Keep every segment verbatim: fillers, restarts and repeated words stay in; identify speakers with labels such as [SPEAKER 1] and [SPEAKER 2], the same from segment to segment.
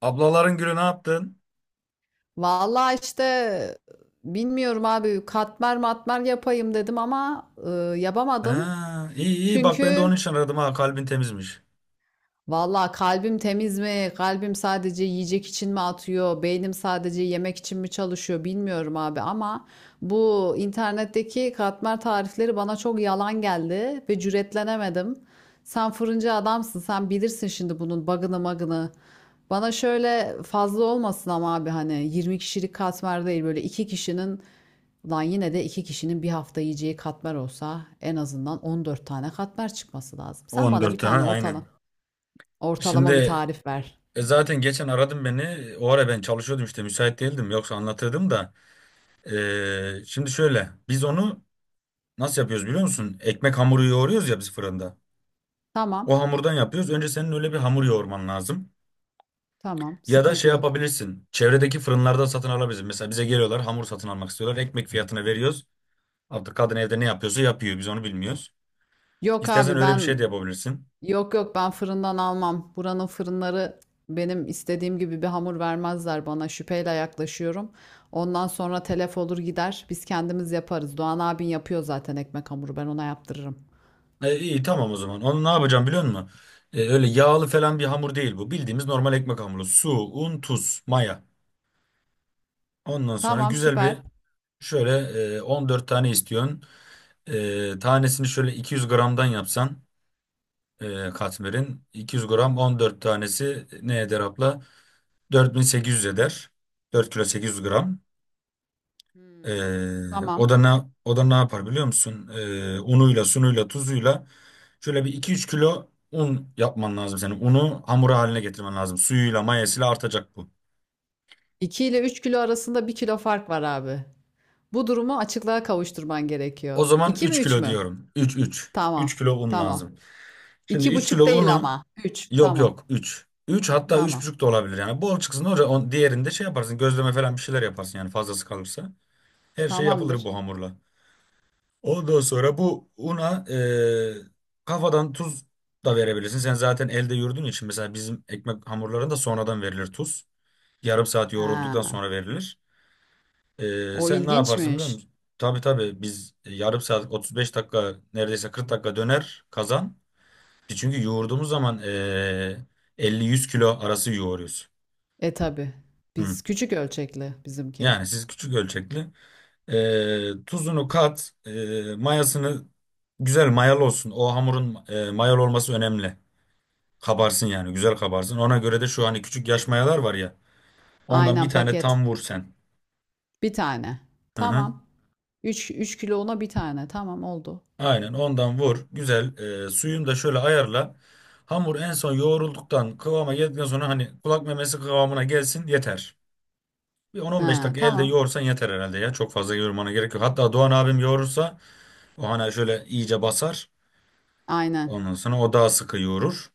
[SPEAKER 1] Ablaların gülü ne yaptın?
[SPEAKER 2] Vallahi işte bilmiyorum abi katmer matmer yapayım dedim ama e,
[SPEAKER 1] Ha,
[SPEAKER 2] yapamadım.
[SPEAKER 1] iyi iyi bak, ben de
[SPEAKER 2] Çünkü
[SPEAKER 1] onun için aradım, ha, kalbin temizmiş.
[SPEAKER 2] Vallahi kalbim temiz mi? Kalbim sadece yiyecek için mi atıyor? Beynim sadece yemek için mi çalışıyor? Bilmiyorum abi ama bu internetteki katmer tarifleri bana çok yalan geldi ve cüretlenemedim. Sen fırıncı adamsın. Sen bilirsin şimdi bunun bug'ını magını. Bana şöyle fazla olmasın ama abi hani yirmi kişilik katmer değil böyle iki kişinin Lan yine de iki kişinin bir hafta yiyeceği katmer olsa en azından on dört tane katmer çıkması lazım. Sen bana
[SPEAKER 1] on dört
[SPEAKER 2] bir tane
[SPEAKER 1] tane,
[SPEAKER 2] ortalama.
[SPEAKER 1] aynen.
[SPEAKER 2] Ortalama bir
[SPEAKER 1] Şimdi
[SPEAKER 2] tarif ver.
[SPEAKER 1] e, zaten geçen aradım beni. O ara ben çalışıyordum, işte müsait değildim, yoksa anlatırdım da. E, şimdi şöyle biz onu nasıl yapıyoruz biliyor musun? Ekmek hamuru yoğuruyoruz ya biz fırında. O
[SPEAKER 2] Tamam,
[SPEAKER 1] hamurdan yapıyoruz. Önce senin öyle bir hamur yoğurman lazım.
[SPEAKER 2] tamam,
[SPEAKER 1] Ya da
[SPEAKER 2] sıkıntı
[SPEAKER 1] şey
[SPEAKER 2] yok.
[SPEAKER 1] yapabilirsin. Çevredeki fırınlarda satın alabilirsin. Mesela bize geliyorlar, hamur satın almak istiyorlar. Ekmek fiyatına veriyoruz. Artık kadın evde ne yapıyorsa yapıyor. Biz onu bilmiyoruz.
[SPEAKER 2] Yok
[SPEAKER 1] İstersen
[SPEAKER 2] abi
[SPEAKER 1] öyle bir şey
[SPEAKER 2] ben,
[SPEAKER 1] de yapabilirsin.
[SPEAKER 2] yok yok ben fırından almam. Buranın fırınları benim istediğim gibi bir hamur vermezler bana. Şüpheyle yaklaşıyorum. Ondan sonra telef olur gider. Biz kendimiz yaparız. Doğan abin yapıyor zaten ekmek hamuru. Ben ona yaptırırım.
[SPEAKER 1] E, iyi tamam o zaman. Onu ne yapacağım biliyor musun? E, öyle yağlı falan bir hamur değil bu. Bildiğimiz normal ekmek hamuru. Su, un, tuz, maya. Ondan sonra
[SPEAKER 2] Tamam,
[SPEAKER 1] güzel bir
[SPEAKER 2] süper.
[SPEAKER 1] şöyle e, on dört tane istiyorsun. E, tanesini şöyle iki yüz gramdan yapsan e, katmerin. iki yüz gram on dört tanesi ne eder, abla? dört bin sekiz yüz eder. dört kilo sekiz yüz gram.
[SPEAKER 2] Hmm.
[SPEAKER 1] Ee,
[SPEAKER 2] Tamam.
[SPEAKER 1] o da ne o da ne yapar biliyor musun? Ee, unuyla, sunuyla, tuzuyla şöyle bir iki üç kilo un yapman lazım senin. Unu hamura haline getirmen lazım. Suyuyla, mayasıyla artacak bu.
[SPEAKER 2] iki ile üç kilo arasında bir kilo fark var abi. Bu durumu açıklığa kavuşturman
[SPEAKER 1] O
[SPEAKER 2] gerekiyor.
[SPEAKER 1] zaman
[SPEAKER 2] iki mi
[SPEAKER 1] üç
[SPEAKER 2] üç
[SPEAKER 1] kilo
[SPEAKER 2] mü?
[SPEAKER 1] diyorum. Üç üç üç
[SPEAKER 2] Tamam.
[SPEAKER 1] kilo un
[SPEAKER 2] Tamam.
[SPEAKER 1] lazım. Şimdi
[SPEAKER 2] İki
[SPEAKER 1] üç kilo
[SPEAKER 2] buçuk değil
[SPEAKER 1] unu,
[SPEAKER 2] ama. Üç.
[SPEAKER 1] yok
[SPEAKER 2] Tamam.
[SPEAKER 1] yok, üç üç hatta üç
[SPEAKER 2] Tamam.
[SPEAKER 1] buçuk da olabilir yani. Bol çıksın oraya on, diğerinde şey yaparsın. Gözleme falan bir şeyler yaparsın yani fazlası kalırsa. Her şey yapılır
[SPEAKER 2] Tamamdır.
[SPEAKER 1] bu hamurla. Ondan sonra bu una e, kafadan tuz da verebilirsin. Sen zaten elde yoğurduğun için, mesela bizim ekmek hamurlarında sonradan verilir tuz. Yarım saat yoğrulduktan
[SPEAKER 2] Ha.
[SPEAKER 1] sonra verilir. E,
[SPEAKER 2] O
[SPEAKER 1] sen ne yaparsın biliyor
[SPEAKER 2] ilginçmiş.
[SPEAKER 1] musun? Tabii tabii, biz yarım saat otuz beş dakika, neredeyse kırk dakika döner kazan. Çünkü yoğurduğumuz zaman e, elli yüz kilo arası yoğuruyoruz.
[SPEAKER 2] E tabi.
[SPEAKER 1] Hı.
[SPEAKER 2] Biz küçük ölçekli bizimki.
[SPEAKER 1] Yani siz küçük ölçekli. E, tuzunu kat, e, mayasını güzel mayalı olsun. O hamurun e, mayalı olması önemli. Kabarsın yani, güzel kabarsın. Ona göre de şu hani küçük yaş mayalar var ya. Ondan bir
[SPEAKER 2] Aynen
[SPEAKER 1] tane
[SPEAKER 2] paket.
[SPEAKER 1] tam vur sen.
[SPEAKER 2] Bir tane.
[SPEAKER 1] Hı hı.
[SPEAKER 2] Tamam. Üç, üç kilo ona bir tane. Tamam oldu.
[SPEAKER 1] Aynen, ondan vur. Güzel. E, suyunu da şöyle ayarla. Hamur en son yoğrulduktan, kıvama geldikten sonra hani kulak memesi kıvamına gelsin yeter. Bir on on beş
[SPEAKER 2] Ha,
[SPEAKER 1] dakika elde
[SPEAKER 2] tamam.
[SPEAKER 1] yoğursan yeter herhalde ya. Çok fazla yoğurmana gerek yok. Hatta Doğan abim yoğurursa, o hani şöyle iyice basar.
[SPEAKER 2] Aynen.
[SPEAKER 1] Ondan sonra o daha sıkı yoğurur.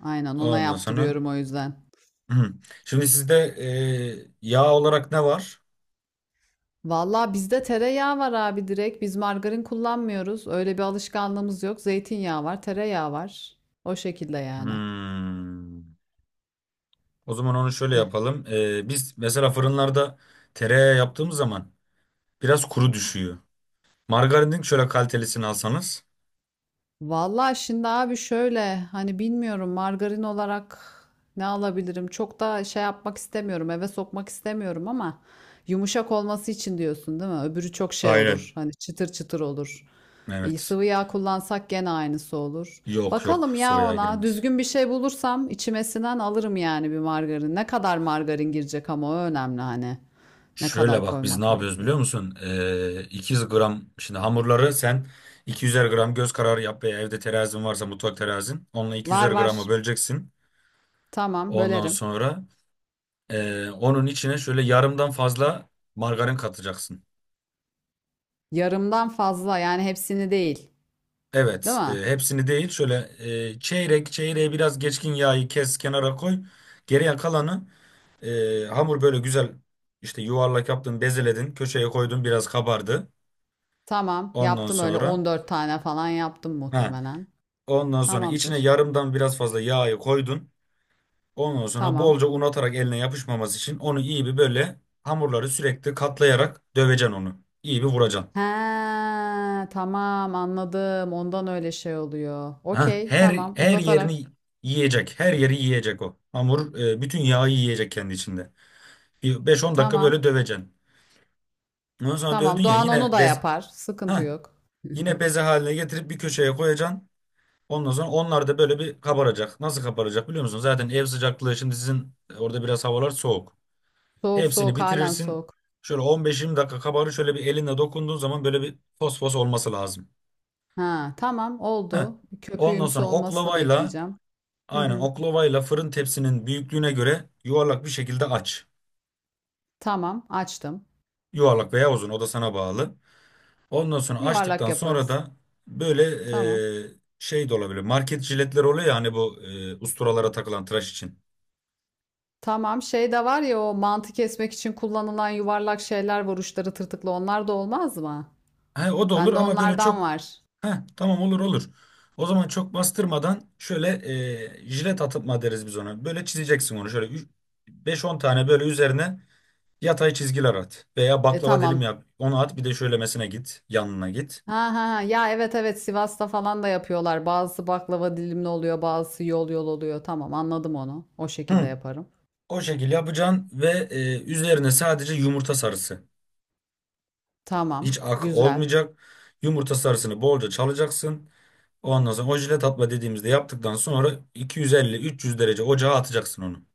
[SPEAKER 2] Aynen ona
[SPEAKER 1] Ondan sonra.
[SPEAKER 2] yaptırıyorum o yüzden.
[SPEAKER 1] Hı. Şimdi sizde e, yağ olarak ne var?
[SPEAKER 2] Vallahi bizde tereyağı var abi direkt. Biz margarin kullanmıyoruz. Öyle bir alışkanlığımız yok. Zeytinyağı var, tereyağı var. O şekilde yani.
[SPEAKER 1] Hmm. O zaman onu şöyle
[SPEAKER 2] Ya.
[SPEAKER 1] yapalım. E, biz mesela fırınlarda tereyağı yaptığımız zaman biraz kuru düşüyor. Margarinin şöyle kalitelisini alsanız.
[SPEAKER 2] Vallahi şimdi abi şöyle hani bilmiyorum margarin olarak ne alabilirim? Çok da şey yapmak istemiyorum, eve sokmak istemiyorum ama yumuşak olması için diyorsun değil mi? Öbürü çok şey
[SPEAKER 1] Aynen.
[SPEAKER 2] olur. Hani çıtır çıtır olur. E,
[SPEAKER 1] Evet.
[SPEAKER 2] sıvı yağ kullansak gene aynısı olur.
[SPEAKER 1] Yok yok,
[SPEAKER 2] Bakalım ya
[SPEAKER 1] sıvı yağ
[SPEAKER 2] ona
[SPEAKER 1] girmez.
[SPEAKER 2] düzgün bir şey bulursam içime sinen alırım yani bir margarin. Ne kadar margarin girecek ama o önemli hani. Ne
[SPEAKER 1] Şöyle
[SPEAKER 2] kadar
[SPEAKER 1] bak, biz ne
[SPEAKER 2] koymak
[SPEAKER 1] yapıyoruz biliyor
[SPEAKER 2] gerekecek.
[SPEAKER 1] musun? E, iki yüz gram şimdi hamurları sen iki yüzer gram göz kararı yap, veya evde terazin varsa mutfak terazin. Onunla
[SPEAKER 2] Var
[SPEAKER 1] iki yüzer
[SPEAKER 2] var.
[SPEAKER 1] gramı böleceksin.
[SPEAKER 2] Tamam
[SPEAKER 1] Ondan
[SPEAKER 2] bölerim.
[SPEAKER 1] sonra Ee, onun içine şöyle yarımdan fazla margarin katacaksın.
[SPEAKER 2] Yarımdan fazla yani hepsini değil. Değil
[SPEAKER 1] Evet,
[SPEAKER 2] mi?
[SPEAKER 1] e, hepsini değil, şöyle e, çeyrek çeyreğe biraz geçkin yağı kes, kenara koy. Geriye kalanı e, hamur böyle güzel, işte yuvarlak yaptın, bezeledin, köşeye koydun, biraz kabardı.
[SPEAKER 2] Tamam.
[SPEAKER 1] Ondan
[SPEAKER 2] Yaptım öyle
[SPEAKER 1] sonra
[SPEAKER 2] on dört tane falan yaptım
[SPEAKER 1] ha,
[SPEAKER 2] muhtemelen.
[SPEAKER 1] ondan sonra içine
[SPEAKER 2] Tamamdır.
[SPEAKER 1] yarımdan biraz fazla yağı koydun. Ondan sonra
[SPEAKER 2] Tamam.
[SPEAKER 1] bolca un atarak, eline yapışmaması için, onu iyi bir böyle hamurları sürekli katlayarak döveceksin onu. İyi bir vuracaksın.
[SPEAKER 2] He, tamam anladım. Ondan öyle şey oluyor.
[SPEAKER 1] Ha,
[SPEAKER 2] Okey,
[SPEAKER 1] her
[SPEAKER 2] tamam.
[SPEAKER 1] her
[SPEAKER 2] Uzatarak.
[SPEAKER 1] yerini yiyecek. Her yeri yiyecek o. Hamur e, bütün yağı yiyecek kendi içinde. Bir beş on dakika
[SPEAKER 2] Tamam.
[SPEAKER 1] böyle döveceksin. Ondan sonra dövdün
[SPEAKER 2] Tamam.
[SPEAKER 1] ya,
[SPEAKER 2] Doğan onu
[SPEAKER 1] yine
[SPEAKER 2] da
[SPEAKER 1] bez
[SPEAKER 2] yapar. Sıkıntı
[SPEAKER 1] ha
[SPEAKER 2] yok.
[SPEAKER 1] yine beze haline getirip bir köşeye koyacaksın. Ondan sonra onlar da böyle bir kabaracak. Nasıl kabaracak biliyor musun? Zaten ev sıcaklığı, şimdi sizin e, orada biraz havalar soğuk.
[SPEAKER 2] Soğuk
[SPEAKER 1] Hepsini
[SPEAKER 2] soğuk halen
[SPEAKER 1] bitirirsin.
[SPEAKER 2] soğuk.
[SPEAKER 1] Şöyle on beş yirmi dakika kabarır. Şöyle bir elinle dokunduğun zaman böyle bir fosfos olması lazım.
[SPEAKER 2] Ha, tamam
[SPEAKER 1] Ha.
[SPEAKER 2] oldu.
[SPEAKER 1] Ondan
[SPEAKER 2] Köpüğümsü
[SPEAKER 1] sonra
[SPEAKER 2] olmasını
[SPEAKER 1] oklavayla
[SPEAKER 2] bekleyeceğim. Hı
[SPEAKER 1] Aynen
[SPEAKER 2] hı.
[SPEAKER 1] oklavayla fırın tepsinin büyüklüğüne göre yuvarlak bir şekilde aç.
[SPEAKER 2] Tamam açtım.
[SPEAKER 1] Yuvarlak veya uzun, o da sana bağlı. Ondan sonra,
[SPEAKER 2] Yuvarlak
[SPEAKER 1] açtıktan sonra
[SPEAKER 2] yaparız.
[SPEAKER 1] da, böyle
[SPEAKER 2] Tamam.
[SPEAKER 1] e, şey de olabilir. Market jiletler oluyor ya, hani bu e, usturalara takılan tıraş için.
[SPEAKER 2] Tamam, şey de var ya, o mantı kesmek için kullanılan yuvarlak şeyler var uçları tırtıklı, onlar da olmaz mı?
[SPEAKER 1] He, o da olur,
[SPEAKER 2] Bende
[SPEAKER 1] ama böyle
[SPEAKER 2] onlardan
[SPEAKER 1] çok,
[SPEAKER 2] var.
[SPEAKER 1] heh, tamam, olur olur. O zaman çok bastırmadan, şöyle e, jilet atma deriz biz ona. Böyle çizeceksin onu, şöyle üç- beş on tane böyle üzerine yatay çizgiler at. Veya
[SPEAKER 2] E
[SPEAKER 1] baklava dilim
[SPEAKER 2] tamam.
[SPEAKER 1] yap. Onu at, bir de şöylemesine git, yanına git.
[SPEAKER 2] Ha ha ha. Ya, evet evet, Sivas'ta falan da yapıyorlar. Bazısı baklava dilimli oluyor bazısı yol yol oluyor. Tamam anladım onu. O şekilde
[SPEAKER 1] Hı.
[SPEAKER 2] yaparım.
[SPEAKER 1] O şekil yapacaksın ve e, üzerine sadece yumurta sarısı. Hiç
[SPEAKER 2] Tamam
[SPEAKER 1] ak
[SPEAKER 2] güzel.
[SPEAKER 1] olmayacak. Yumurta sarısını bolca çalacaksın. Ondan sonra, o jilet atma dediğimizde, yaptıktan sonra iki yüz elli üç yüz derece ocağa atacaksın onu.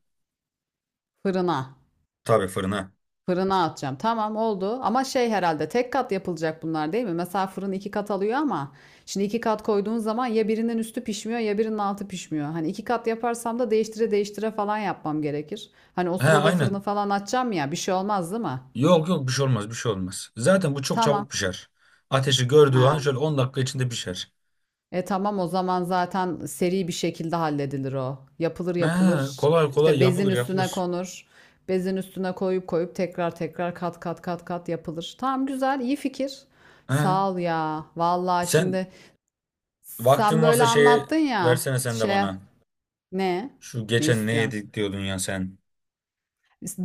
[SPEAKER 2] Fırına.
[SPEAKER 1] Tabii fırına.
[SPEAKER 2] Fırına atacağım. Tamam oldu. Ama şey herhalde tek kat yapılacak bunlar değil mi? Mesela fırın iki kat alıyor ama şimdi iki kat koyduğun zaman ya birinin üstü pişmiyor ya birinin altı pişmiyor. Hani iki kat yaparsam da değiştire değiştire falan yapmam gerekir. Hani o
[SPEAKER 1] He,
[SPEAKER 2] sırada fırını
[SPEAKER 1] aynen.
[SPEAKER 2] falan açacağım ya bir şey olmaz değil mi?
[SPEAKER 1] Yok yok, bir şey olmaz, bir şey olmaz. Zaten bu çok
[SPEAKER 2] Tamam.
[SPEAKER 1] çabuk pişer. Ateşi gördüğü
[SPEAKER 2] Ha.
[SPEAKER 1] an şöyle on dakika içinde pişer.
[SPEAKER 2] E tamam o zaman, zaten seri bir şekilde halledilir o. Yapılır
[SPEAKER 1] He,
[SPEAKER 2] yapılır
[SPEAKER 1] kolay kolay
[SPEAKER 2] işte bezin
[SPEAKER 1] yapılır
[SPEAKER 2] üstüne
[SPEAKER 1] yapılır.
[SPEAKER 2] konur. Bezin üstüne koyup koyup tekrar tekrar kat kat kat kat yapılır. Tamam güzel, iyi fikir.
[SPEAKER 1] He,
[SPEAKER 2] Sağ ol ya. Vallahi
[SPEAKER 1] sen
[SPEAKER 2] şimdi sen
[SPEAKER 1] vaktin
[SPEAKER 2] böyle
[SPEAKER 1] varsa şeye
[SPEAKER 2] anlattın ya,
[SPEAKER 1] versene sen de
[SPEAKER 2] şey
[SPEAKER 1] bana.
[SPEAKER 2] ne?
[SPEAKER 1] Şu
[SPEAKER 2] Ne
[SPEAKER 1] geçen ne
[SPEAKER 2] istiyorsun?
[SPEAKER 1] yedik diyordun ya sen.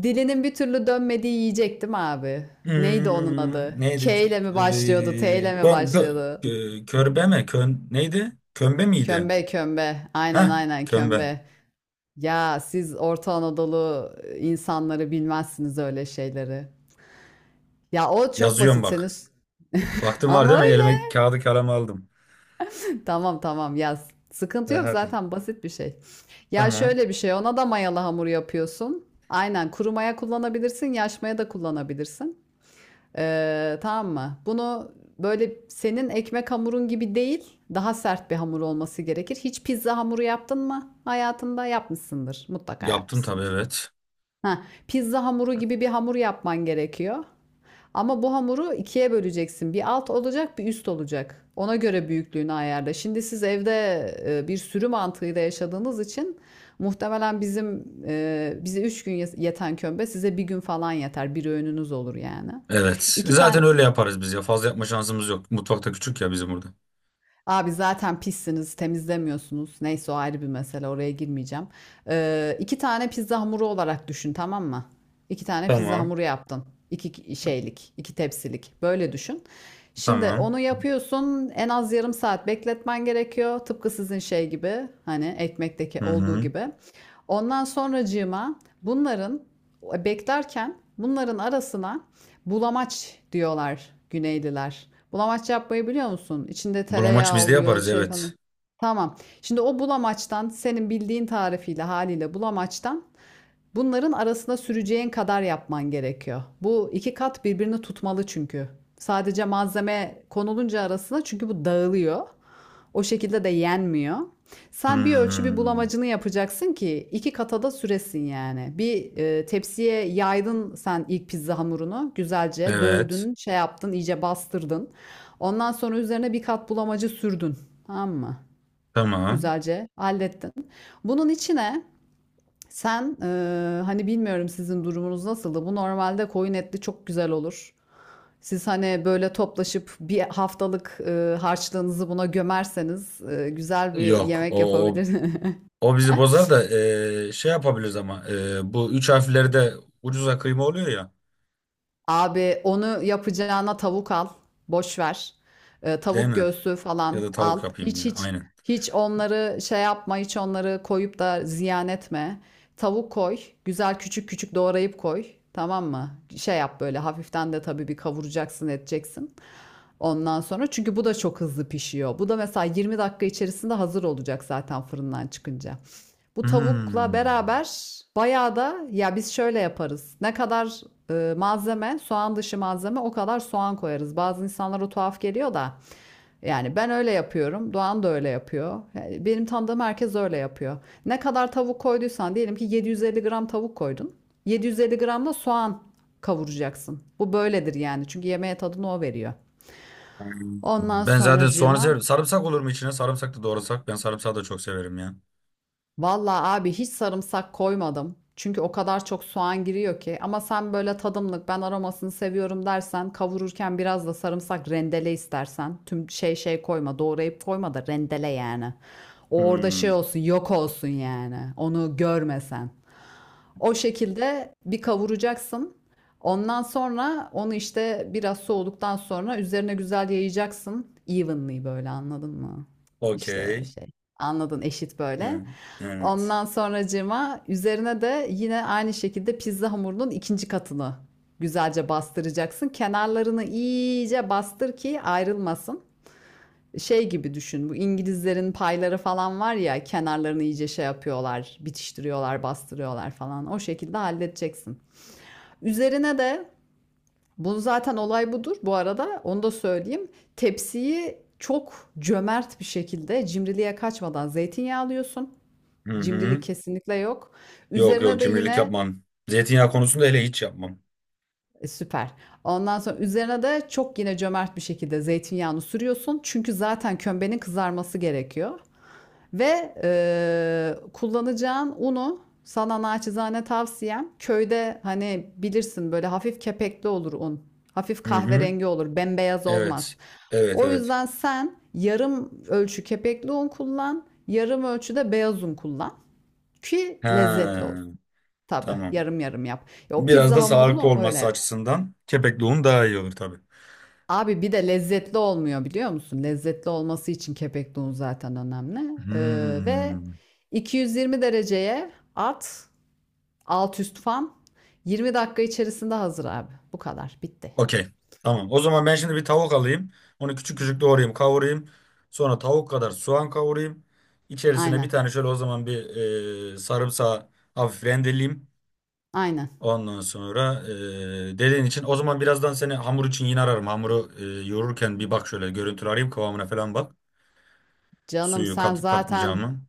[SPEAKER 2] Dilinin bir türlü dönmediği yiyecektim abi? Neydi onun
[SPEAKER 1] Hmm,
[SPEAKER 2] adı?
[SPEAKER 1] neydi?
[SPEAKER 2] K ile mi
[SPEAKER 1] Ee,
[SPEAKER 2] başlıyordu? T ile
[SPEAKER 1] gö,
[SPEAKER 2] mi
[SPEAKER 1] gö,
[SPEAKER 2] başlıyordu?
[SPEAKER 1] gö- körbe mi? Kön, neydi? Kömbe miydi?
[SPEAKER 2] Kömbe, kömbe. Aynen
[SPEAKER 1] Heh,
[SPEAKER 2] aynen,
[SPEAKER 1] kömbe.
[SPEAKER 2] kömbe. Ya siz Orta Anadolu e, insanları bilmezsiniz öyle şeyleri. Ya o çok
[SPEAKER 1] Yazıyorum
[SPEAKER 2] basit, senin
[SPEAKER 1] bak.
[SPEAKER 2] s-
[SPEAKER 1] Baktın, var değil
[SPEAKER 2] ama
[SPEAKER 1] mi? Elime
[SPEAKER 2] öyle.
[SPEAKER 1] kağıdı kalemi aldım.
[SPEAKER 2] Tamam tamam yaz.
[SPEAKER 1] E,
[SPEAKER 2] Sıkıntı yok,
[SPEAKER 1] hadi.
[SPEAKER 2] zaten basit bir şey. Ya
[SPEAKER 1] Tamam.
[SPEAKER 2] şöyle bir şey, ona da mayalı hamur yapıyorsun. Aynen, kuru maya kullanabilirsin, yaş maya da kullanabilirsin. Ee, tamam mı? Bunu böyle senin ekmek hamurun gibi değil, daha sert bir hamur olması gerekir. Hiç pizza hamuru yaptın mı hayatında? Yapmışsındır, mutlaka
[SPEAKER 1] Yaptım tabii,
[SPEAKER 2] yapmışsındır.
[SPEAKER 1] evet.
[SPEAKER 2] Ha, pizza hamuru gibi bir hamur yapman gerekiyor. Ama bu hamuru ikiye böleceksin. Bir alt olacak, bir üst olacak. Ona göre büyüklüğünü ayarla. Şimdi siz evde e, bir sürü mantığıyla yaşadığınız için muhtemelen bizim e, bize üç gün yet- yeten kömbe size bir gün falan yeter. Bir öğününüz olur yani.
[SPEAKER 1] Evet.
[SPEAKER 2] İki
[SPEAKER 1] Zaten
[SPEAKER 2] tane
[SPEAKER 1] öyle yaparız biz ya. Fazla yapma şansımız yok. Mutfakta küçük ya bizim burada.
[SPEAKER 2] Abi zaten pissiniz, temizlemiyorsunuz. Neyse o ayrı bir mesele, oraya girmeyeceğim. Ee, iki tane pizza hamuru olarak düşün, tamam mı? İki tane pizza
[SPEAKER 1] Tamam.
[SPEAKER 2] hamuru yaptın. İki şeylik, iki tepsilik. Böyle düşün. Şimdi
[SPEAKER 1] Tamam.
[SPEAKER 2] onu yapıyorsun, en az yarım saat bekletmen gerekiyor. Tıpkı sizin şey gibi, hani ekmekteki
[SPEAKER 1] Hı
[SPEAKER 2] olduğu
[SPEAKER 1] hı.
[SPEAKER 2] gibi. Ondan sonracığıma bunların e, beklerken bunların arasına bulamaç diyorlar Güneyliler. Bulamaç yapmayı biliyor musun? İçinde
[SPEAKER 1] Bulamaç
[SPEAKER 2] tereyağı
[SPEAKER 1] biz de
[SPEAKER 2] oluyor
[SPEAKER 1] yaparız,
[SPEAKER 2] şey falan.
[SPEAKER 1] evet.
[SPEAKER 2] Tamam. Şimdi o bulamaçtan, senin bildiğin tarifiyle haliyle bulamaçtan, bunların arasına süreceğin kadar yapman gerekiyor. Bu iki kat birbirini tutmalı çünkü. Sadece malzeme konulunca arasına çünkü bu dağılıyor. O şekilde de yenmiyor. Sen bir ölçü bir
[SPEAKER 1] Hmm,
[SPEAKER 2] bulamacını yapacaksın ki iki katada süresin yani. Bir e, tepsiye yaydın sen ilk pizza hamurunu. Güzelce
[SPEAKER 1] evet.
[SPEAKER 2] dövdün, şey yaptın, iyice bastırdın. Ondan sonra üzerine bir kat bulamacı sürdün. Tamam mı?
[SPEAKER 1] Tamam.
[SPEAKER 2] Güzelce hallettin. Bunun içine sen e, hani bilmiyorum sizin durumunuz nasıldı. Bu normalde koyun etli çok güzel olur. Siz hani böyle toplaşıp bir haftalık, ııı, harçlığınızı buna gömerseniz, ııı, güzel bir
[SPEAKER 1] Yok.
[SPEAKER 2] yemek
[SPEAKER 1] O,
[SPEAKER 2] yapabilir.
[SPEAKER 1] O bizi bozar da eee, şey yapabiliriz, ama eee, bu üç harfleri de ucuza kıyma oluyor ya,
[SPEAKER 2] Abi onu yapacağına tavuk al, boş ver. Iıı,
[SPEAKER 1] değil
[SPEAKER 2] tavuk
[SPEAKER 1] mi?
[SPEAKER 2] göğsü
[SPEAKER 1] Ya
[SPEAKER 2] falan
[SPEAKER 1] da tavuk
[SPEAKER 2] al.
[SPEAKER 1] yapayım
[SPEAKER 2] Hiç
[SPEAKER 1] ya,
[SPEAKER 2] hiç
[SPEAKER 1] aynen.
[SPEAKER 2] hiç onları şey yapma, hiç onları koyup da ziyan etme. Tavuk koy, güzel küçük küçük doğrayıp koy, tamam mı? Şey yap, böyle hafiften de tabii bir kavuracaksın, edeceksin. Ondan sonra, çünkü bu da çok hızlı pişiyor. Bu da mesela yirmi dakika içerisinde hazır olacak zaten fırından çıkınca. Bu tavukla
[SPEAKER 1] Hmm.
[SPEAKER 2] beraber bayağı da, ya biz şöyle yaparız. Ne kadar e, malzeme, soğan dışı malzeme, o kadar soğan koyarız. Bazı insanlara tuhaf geliyor da yani ben öyle yapıyorum. Doğan da öyle yapıyor. Yani benim tanıdığım herkes öyle yapıyor. Ne kadar tavuk koyduysan, diyelim ki yedi yüz elli gram tavuk koydun. yedi yüz elli gram da soğan kavuracaksın. Bu böyledir yani. Çünkü yemeğe tadını o veriyor. Ondan
[SPEAKER 1] Ben zaten soğanı
[SPEAKER 2] sonracığıma
[SPEAKER 1] severim. Sarımsak olur mu içine? Sarımsak da doğrasak. Ben sarımsağı da çok severim ya.
[SPEAKER 2] vallahi abi hiç sarımsak koymadım. Çünkü o kadar çok soğan giriyor ki. Ama sen böyle tadımlık, ben aromasını seviyorum dersen, kavururken biraz da sarımsak rendele istersen. Tüm şey şey koyma, doğrayıp koyma da rendele yani. O orada şey
[SPEAKER 1] Hmm.
[SPEAKER 2] olsun yok olsun yani. Onu görmesen. O şekilde bir kavuracaksın. Ondan sonra onu işte biraz soğuduktan sonra üzerine güzel yayacaksın. Evenly, böyle anladın mı? İşte
[SPEAKER 1] Okey.
[SPEAKER 2] şey, anladın, eşit böyle.
[SPEAKER 1] Hı, evet.
[SPEAKER 2] Ondan sonracığıma üzerine de yine aynı şekilde pizza hamurunun ikinci katını güzelce bastıracaksın. Kenarlarını iyice bastır ki ayrılmasın. Şey gibi düşün. Bu İngilizlerin payları falan var ya, kenarlarını iyice şey yapıyorlar, bitiştiriyorlar, bastırıyorlar falan. O şekilde halledeceksin. Üzerine de, bu zaten olay budur bu arada. Onu da söyleyeyim. Tepsiyi çok cömert bir şekilde, cimriliğe kaçmadan zeytinyağı alıyorsun.
[SPEAKER 1] Hı
[SPEAKER 2] Cimrilik
[SPEAKER 1] hı.
[SPEAKER 2] kesinlikle yok.
[SPEAKER 1] Yok
[SPEAKER 2] Üzerine
[SPEAKER 1] yok,
[SPEAKER 2] de
[SPEAKER 1] cimrilik
[SPEAKER 2] yine
[SPEAKER 1] yapmam. Zeytinyağı konusunda hele hiç yapmam.
[SPEAKER 2] e, Süper. Ondan sonra üzerine de çok yine cömert bir şekilde zeytinyağını sürüyorsun. Çünkü zaten kömbenin kızarması gerekiyor. Ve eee, kullanacağın unu, sana naçizane tavsiyem, köyde hani bilirsin böyle hafif kepekli olur un. Hafif
[SPEAKER 1] Hı hı.
[SPEAKER 2] kahverengi olur, bembeyaz olmaz.
[SPEAKER 1] Evet. Evet
[SPEAKER 2] O
[SPEAKER 1] evet.
[SPEAKER 2] yüzden sen yarım ölçü kepekli un kullan, yarım ölçüde beyaz un kullan ki lezzetli
[SPEAKER 1] Ha,
[SPEAKER 2] olsun. Tabii
[SPEAKER 1] tamam.
[SPEAKER 2] yarım yarım yap. Ya o
[SPEAKER 1] Biraz
[SPEAKER 2] pizza
[SPEAKER 1] da sağlıklı
[SPEAKER 2] hamurunu öyle
[SPEAKER 1] olması
[SPEAKER 2] yap.
[SPEAKER 1] açısından kepekli un daha iyi olur tabii.
[SPEAKER 2] Abi bir de lezzetli olmuyor biliyor musun? Lezzetli olması için kepekli un zaten önemli. Ee, ve
[SPEAKER 1] Hmm.
[SPEAKER 2] iki yüz yirmi dereceye at, alt üst fan. yirmi dakika içerisinde hazır abi. Bu kadar. Bitti.
[SPEAKER 1] Okey. Tamam. O zaman ben şimdi bir tavuk alayım. Onu küçük küçük doğrayayım, kavurayım. Sonra tavuk kadar soğan kavurayım. İçerisine bir
[SPEAKER 2] Aynen.
[SPEAKER 1] tane şöyle, o zaman bir, e, sarımsağı hafif rendeleyeyim.
[SPEAKER 2] Aynen.
[SPEAKER 1] Ondan sonra, e, dediğin için o zaman birazdan seni hamur için yine ararım. Hamuru e, yoğururken bir bak, şöyle görüntülü arayayım kıvamına falan bak.
[SPEAKER 2] Canım
[SPEAKER 1] Suyu
[SPEAKER 2] sen
[SPEAKER 1] katıp
[SPEAKER 2] zaten
[SPEAKER 1] katmayacağımı.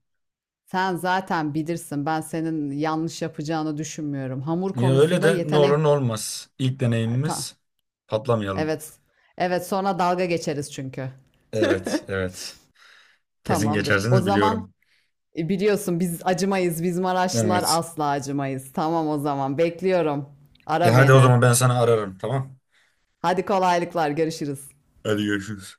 [SPEAKER 2] sen zaten bilirsin. Ben senin yanlış yapacağını düşünmüyorum. Hamur
[SPEAKER 1] Ya öyle
[SPEAKER 2] konusunda
[SPEAKER 1] de, ne olur
[SPEAKER 2] yetenek.
[SPEAKER 1] ne olmaz. İlk
[SPEAKER 2] Ta-
[SPEAKER 1] deneyimimiz patlamayalım.
[SPEAKER 2] Evet. Evet, sonra dalga geçeriz çünkü.
[SPEAKER 1] Evet, evet. Kesin
[SPEAKER 2] Tamamdır. O
[SPEAKER 1] geçersiniz
[SPEAKER 2] zaman
[SPEAKER 1] biliyorum.
[SPEAKER 2] E, biliyorsun biz acımayız. Biz Maraşlılar
[SPEAKER 1] Evet.
[SPEAKER 2] asla acımayız. Tamam o zaman bekliyorum.
[SPEAKER 1] E
[SPEAKER 2] Ara
[SPEAKER 1] hadi o
[SPEAKER 2] beni.
[SPEAKER 1] zaman ben sana ararım, tamam.
[SPEAKER 2] Hadi, kolaylıklar, görüşürüz.
[SPEAKER 1] Hadi görüşürüz.